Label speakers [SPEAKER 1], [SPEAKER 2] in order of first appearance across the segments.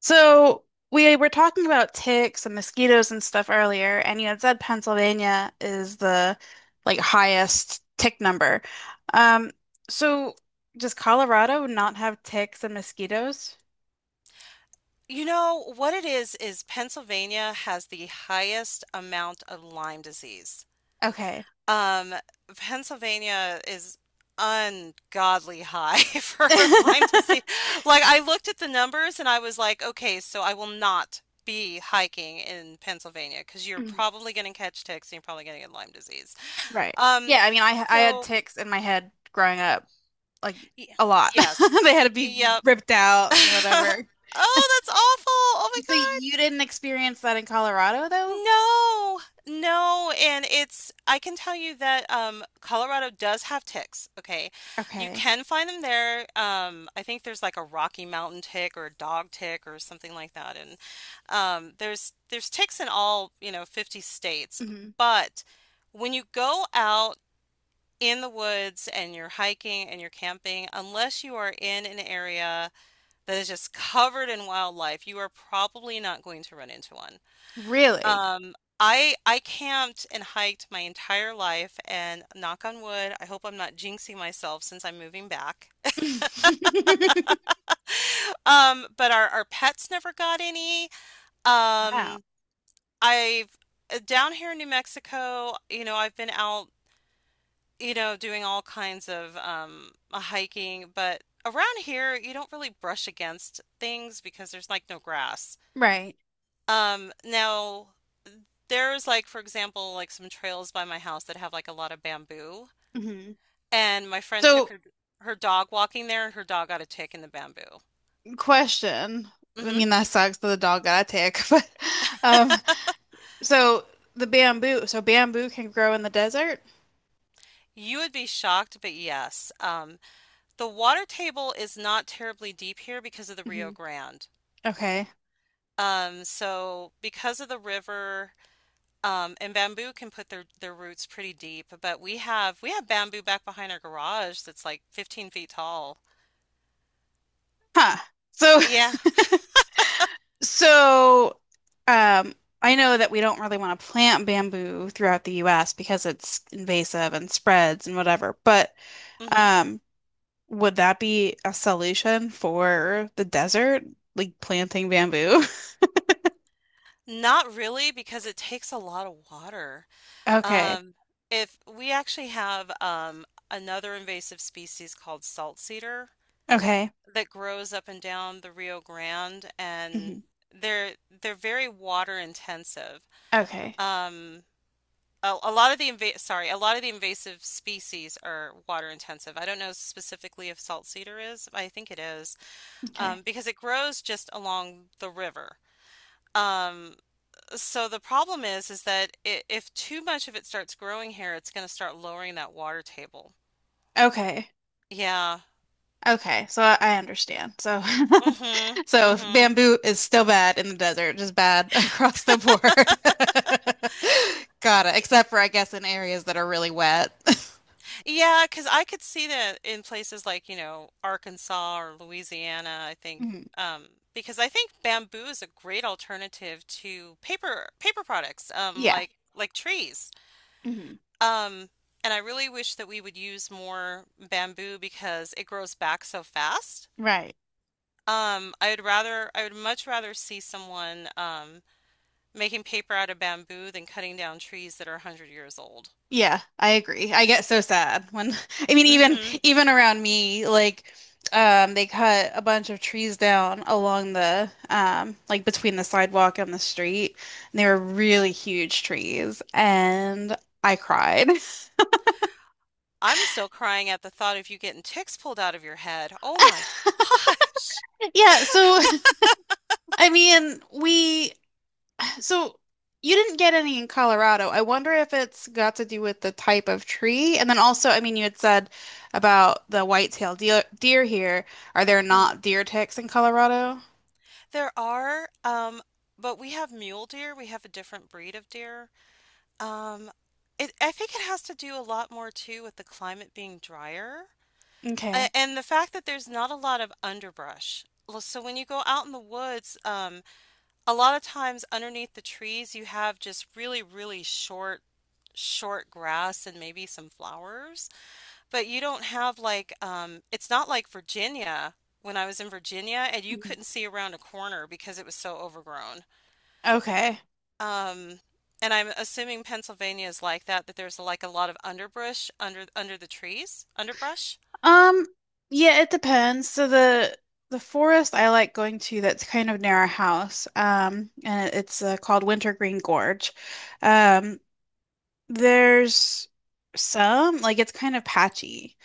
[SPEAKER 1] So we were talking about ticks and mosquitoes and stuff earlier, and you had said Pennsylvania is the highest tick number. Um, so does Colorado not have ticks and mosquitoes?
[SPEAKER 2] You know, what it is Pennsylvania has the highest amount of Lyme disease.
[SPEAKER 1] Okay.
[SPEAKER 2] Um, Pennsylvania is ungodly high for Lyme disease. Like I looked at the numbers and I was like, okay, so I will not be hiking in Pennsylvania because you're
[SPEAKER 1] Mm,
[SPEAKER 2] probably going to catch ticks and you're probably going to get Lyme disease.
[SPEAKER 1] Right.
[SPEAKER 2] Um,
[SPEAKER 1] Yeah, I mean I had
[SPEAKER 2] so
[SPEAKER 1] ticks in my head growing up, like
[SPEAKER 2] y
[SPEAKER 1] a lot.
[SPEAKER 2] yes.
[SPEAKER 1] They had to be
[SPEAKER 2] Yep.
[SPEAKER 1] ripped out and whatever.
[SPEAKER 2] Oh, that's awful. Oh my
[SPEAKER 1] So
[SPEAKER 2] God.
[SPEAKER 1] you didn't experience that in Colorado though?
[SPEAKER 2] No, no, and it's I can tell you that Colorado does have ticks. Okay, you
[SPEAKER 1] Okay.
[SPEAKER 2] can find them there. I think there's like a Rocky Mountain tick or a dog tick or something like that, and there's ticks in all you know 50 states.
[SPEAKER 1] hmm
[SPEAKER 2] But when you go out in the woods and you're hiking and you're camping, unless you are in an area that is just covered in wildlife, you are probably not going to run into one.
[SPEAKER 1] Really?
[SPEAKER 2] Um, I camped and hiked my entire life, and knock on wood, I hope I'm not jinxing myself since I'm moving back. But our pets never got any.
[SPEAKER 1] Wow.
[SPEAKER 2] Um, I've down here in New Mexico, you know, I've been out, you know, doing all kinds of hiking, but around here you don't really brush against things because there's like no grass.
[SPEAKER 1] Right.
[SPEAKER 2] Now there's like for example, like some trails by my house that have like a lot of bamboo.
[SPEAKER 1] hmm
[SPEAKER 2] And my friend took
[SPEAKER 1] So,
[SPEAKER 2] her dog walking there, and her dog got a tick in the bamboo.
[SPEAKER 1] question. I
[SPEAKER 2] Hmm
[SPEAKER 1] mean, that sucks that the dog got a tick, but um, so the bamboo, so bamboo can grow in the desert?
[SPEAKER 2] You would be shocked, but yes, the water table is not terribly deep here because of the Rio
[SPEAKER 1] hmm
[SPEAKER 2] Grande.
[SPEAKER 1] Okay.
[SPEAKER 2] So because of the river, and bamboo can put their roots pretty deep, but we have bamboo back behind our garage that's like 15 feet tall.
[SPEAKER 1] Huh. So,
[SPEAKER 2] Yeah.
[SPEAKER 1] so, um, I know that we don't really want to plant bamboo throughout the US because it's invasive and spreads and whatever, but
[SPEAKER 2] hmm
[SPEAKER 1] um, would that be a solution for the desert? Like planting bamboo?
[SPEAKER 2] Not really because it takes a lot of water.
[SPEAKER 1] Okay.
[SPEAKER 2] Um, if we actually have another invasive species called salt cedar
[SPEAKER 1] Okay.
[SPEAKER 2] that grows up and down the Rio Grande, and
[SPEAKER 1] hmm
[SPEAKER 2] they're they're very water intensive.
[SPEAKER 1] Okay.
[SPEAKER 2] Um, a lot of the inva sorry, a lot of the invasive species are water intensive. I don't know specifically if salt cedar is. I think it is
[SPEAKER 1] Okay.
[SPEAKER 2] because it grows just along the river. Um, so the problem is that I if too much of it starts growing here, it's going to start lowering that water table.
[SPEAKER 1] Okay.
[SPEAKER 2] Yeah.
[SPEAKER 1] Okay. So I understand. So
[SPEAKER 2] Mm-hmm.
[SPEAKER 1] so
[SPEAKER 2] Mm-hmm. Yeah,
[SPEAKER 1] bamboo is still bad in the desert, just bad across the board. Got it. Except for I guess in areas that are really wet.
[SPEAKER 2] yeah, because I could see that in places like, you know, Arkansas or Louisiana, I think.
[SPEAKER 1] Mhm.
[SPEAKER 2] Um, because I think bamboo is a great alternative to paper products,
[SPEAKER 1] Yeah.
[SPEAKER 2] like trees.
[SPEAKER 1] hmm
[SPEAKER 2] Um, and I really wish that we would use more bamboo because it grows back so fast.
[SPEAKER 1] Right.
[SPEAKER 2] I would much rather see someone making paper out of bamboo than cutting down trees that are 100 years old.
[SPEAKER 1] Yeah, I agree. I get so sad when I mean even
[SPEAKER 2] Hmm
[SPEAKER 1] even around me, like they cut a bunch of trees down along the like between the sidewalk and the street. And they were really huge trees and I cried.
[SPEAKER 2] I'm still crying at the thought of you getting ticks pulled out of your head. Oh my gosh.
[SPEAKER 1] Yeah, so I mean we so you didn't get any in Colorado. I wonder if it's got to do with the type of tree. And then also, I mean you had said about the white-tailed deer here. Are there
[SPEAKER 2] Mhm.
[SPEAKER 1] not deer ticks in Colorado?
[SPEAKER 2] There are, but we have mule deer. We have a different breed of deer. Um, I think it has to do a lot more too with the climate being drier.
[SPEAKER 1] Okay.
[SPEAKER 2] And the fact that there's not a lot of underbrush. So when you go out in the woods, a lot of times underneath the trees, you have just really, really short grass and maybe some flowers. But you don't have like, it's not like Virginia. When I was in Virginia, and you
[SPEAKER 1] Mhm.
[SPEAKER 2] couldn't see around a corner because it was so overgrown.
[SPEAKER 1] Okay.
[SPEAKER 2] Um, and I'm assuming Pennsylvania is like that, that there's like a lot of underbrush under the trees, underbrush.
[SPEAKER 1] Um, yeah, it depends. So the forest I like going to that's kind of near our house. And it's called Wintergreen Gorge. Um, There's some, like it's kind of patchy.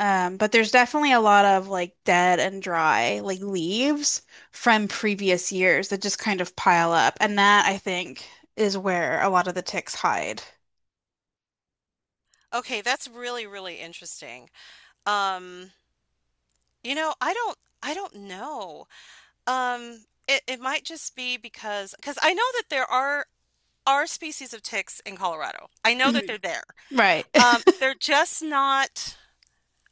[SPEAKER 1] But there's definitely a lot of like dead and dry, like leaves from previous years that just kind of pile up. And that I think is where a lot of the ticks hide.
[SPEAKER 2] Okay, that's really, really interesting. Um, you know, I don't know. Um, it might just be because I know that there are species of ticks in Colorado. I know that
[SPEAKER 1] Mhm.
[SPEAKER 2] they're there.
[SPEAKER 1] Right.
[SPEAKER 2] They're just not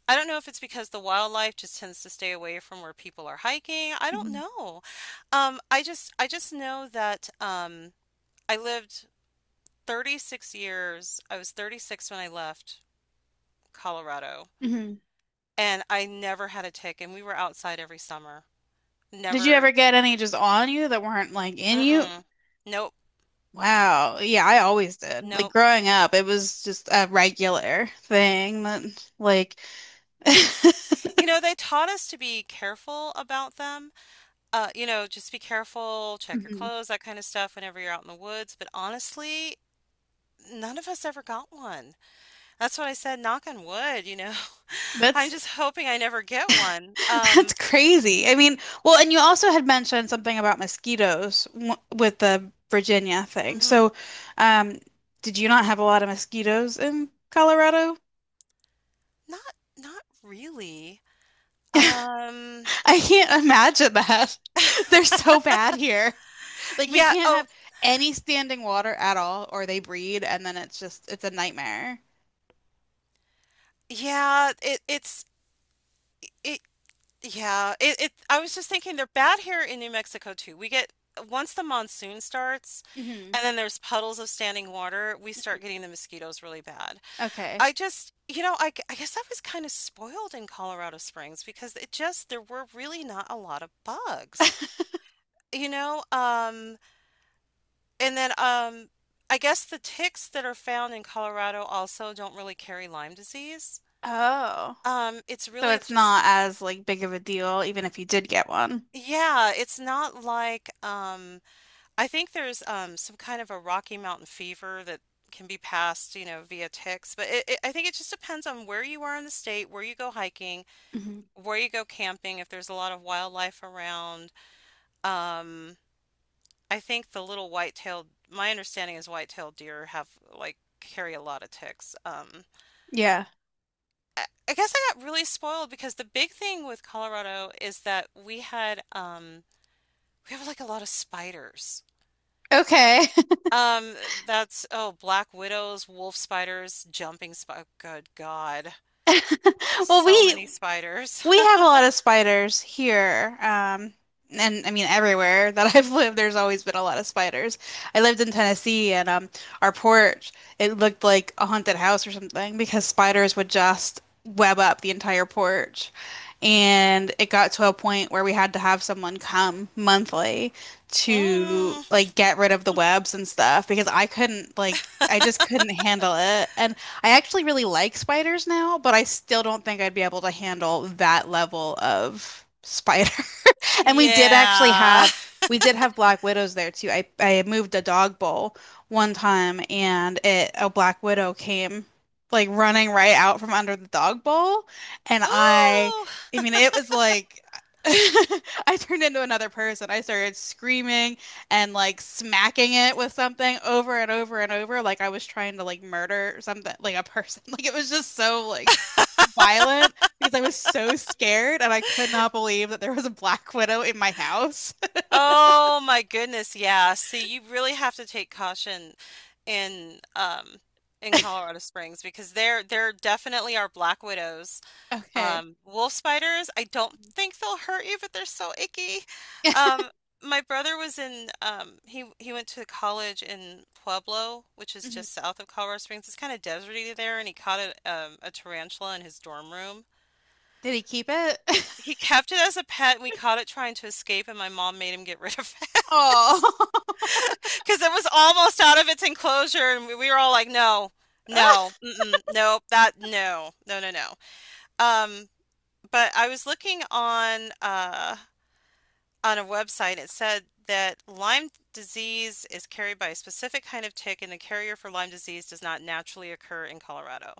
[SPEAKER 2] I don't know if it's because the wildlife just tends to stay away from where people are hiking. I don't
[SPEAKER 1] Mhm.
[SPEAKER 2] know. I just know that I lived 36 years. I was 36 when I left Colorado.
[SPEAKER 1] Mhm.
[SPEAKER 2] And I never had a tick, and we were outside every summer.
[SPEAKER 1] Did you
[SPEAKER 2] Never,
[SPEAKER 1] ever get any just on you that weren't like in you?
[SPEAKER 2] mm-mm. Nope.
[SPEAKER 1] Wow. Yeah, I always did. Like
[SPEAKER 2] Nope.
[SPEAKER 1] growing up, it was just a regular thing that like
[SPEAKER 2] You know, they taught us to be careful about them. You know, just be careful, check your
[SPEAKER 1] Mhm.
[SPEAKER 2] clothes, that kind of stuff whenever you're out in the woods. But honestly, none of us ever got one. That's what I said, knock on wood, you know. I'm
[SPEAKER 1] That's
[SPEAKER 2] just hoping I never get one.
[SPEAKER 1] That's crazy. I mean, well, and you also had mentioned something about mosquitoes w with the Virginia thing.
[SPEAKER 2] Mhm.
[SPEAKER 1] So, um, did you not have a lot of mosquitoes in Colorado?
[SPEAKER 2] Not not really. Um,
[SPEAKER 1] I can't imagine that. They're so bad here. Like we
[SPEAKER 2] yeah,
[SPEAKER 1] can't
[SPEAKER 2] oh,
[SPEAKER 1] have any standing water at all, or they breed, and then it's just it's a nightmare.
[SPEAKER 2] yeah, it, yeah, it I was just thinking they're bad here in New Mexico too. We get once the monsoon starts
[SPEAKER 1] hmm
[SPEAKER 2] and then there's puddles of standing water, we start getting the mosquitoes really bad.
[SPEAKER 1] Okay.
[SPEAKER 2] I just, you know, I guess I was kind of spoiled in Colorado Springs because it just there were really not a lot of bugs. You know, and then I guess the ticks that are found in Colorado also don't really carry Lyme disease.
[SPEAKER 1] Oh,
[SPEAKER 2] It's
[SPEAKER 1] so
[SPEAKER 2] really
[SPEAKER 1] it's
[SPEAKER 2] just
[SPEAKER 1] not as like big of a deal, even if you did get one.
[SPEAKER 2] yeah, it's not like I think there's some kind of a Rocky Mountain fever that can be passed, you know, via ticks. I think it just depends on where you are in the state, where you go hiking,
[SPEAKER 1] hmm
[SPEAKER 2] where you go camping, if there's a lot of wildlife around. Um, I think my understanding is white-tailed deer have carry a lot of ticks.
[SPEAKER 1] Yeah.
[SPEAKER 2] I guess I got really spoiled because the big thing with Colorado is that we have like a lot of spiders.
[SPEAKER 1] Okay.
[SPEAKER 2] Um, that's oh, black widows, wolf spiders, jumping sp good God.
[SPEAKER 1] Well,
[SPEAKER 2] So
[SPEAKER 1] we
[SPEAKER 2] many spiders.
[SPEAKER 1] we have a lot of spiders here. And I mean everywhere that I've lived, there's always been a lot of spiders. I lived in Tennessee and our porch, it looked like a haunted house or something because spiders would just web up the entire porch. And it got to a point where we had to have someone come monthly to
[SPEAKER 2] Mm,
[SPEAKER 1] like get rid of the webs and stuff because I couldn't like I just couldn't handle it. And I actually really like spiders now, but I still don't think I'd be able to handle that level of spider. And
[SPEAKER 2] yeah.
[SPEAKER 1] we did have black widows there too. I moved a dog bowl one time and it a black widow came like running right out from under the dog bowl and
[SPEAKER 2] Ooh.
[SPEAKER 1] I mean it was like I turned into another person. I started screaming and like smacking it with something over and over and over like I was trying to like murder something like a person. Like it was just so like violent because I was so scared and I could not believe that there was a black widow in my house.
[SPEAKER 2] Oh my goodness, yeah. See, you really have to take caution in um in Colorado Springs because there definitely are black widows.
[SPEAKER 1] Okay.
[SPEAKER 2] Wolf spiders, I don't think they'll hurt you, but they're so icky. Um, my brother was in, he went to college in Pueblo, which is just south of Colorado Springs. It's kind of deserty there, and he caught a tarantula in his dorm room.
[SPEAKER 1] Did he keep it?
[SPEAKER 2] He kept it as a pet, and we caught it trying to escape, and my mom made him get rid of it
[SPEAKER 1] Oh.
[SPEAKER 2] because it was almost out of its enclosure, and we were all like, no, no, mm-mm, nope, no, no, no, no. Um, but I was looking on a website, it said that Lyme disease is carried by a specific kind of tick, and the carrier for Lyme disease does not naturally occur in Colorado.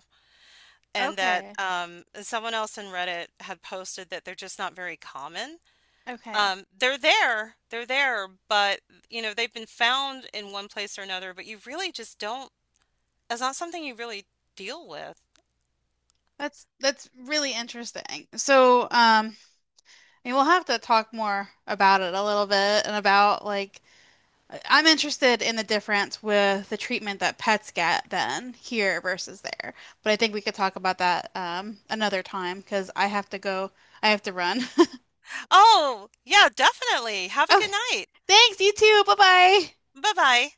[SPEAKER 2] And that
[SPEAKER 1] Okay.
[SPEAKER 2] and someone else in Reddit had posted that they're just not very common.
[SPEAKER 1] Okay.
[SPEAKER 2] They're there, but you know they've been found in one place or another. But you really just don't. It's not something you really deal with.
[SPEAKER 1] That's really interesting. So, we'll have to talk more about it a little bit and about like I'm interested in the difference with the treatment that pets get then here versus there. But I think we could talk about that another time because I have to run.
[SPEAKER 2] Oh, yeah, definitely. Have a good
[SPEAKER 1] Okay.
[SPEAKER 2] night.
[SPEAKER 1] Thanks, you too. Bye bye.
[SPEAKER 2] Bye bye.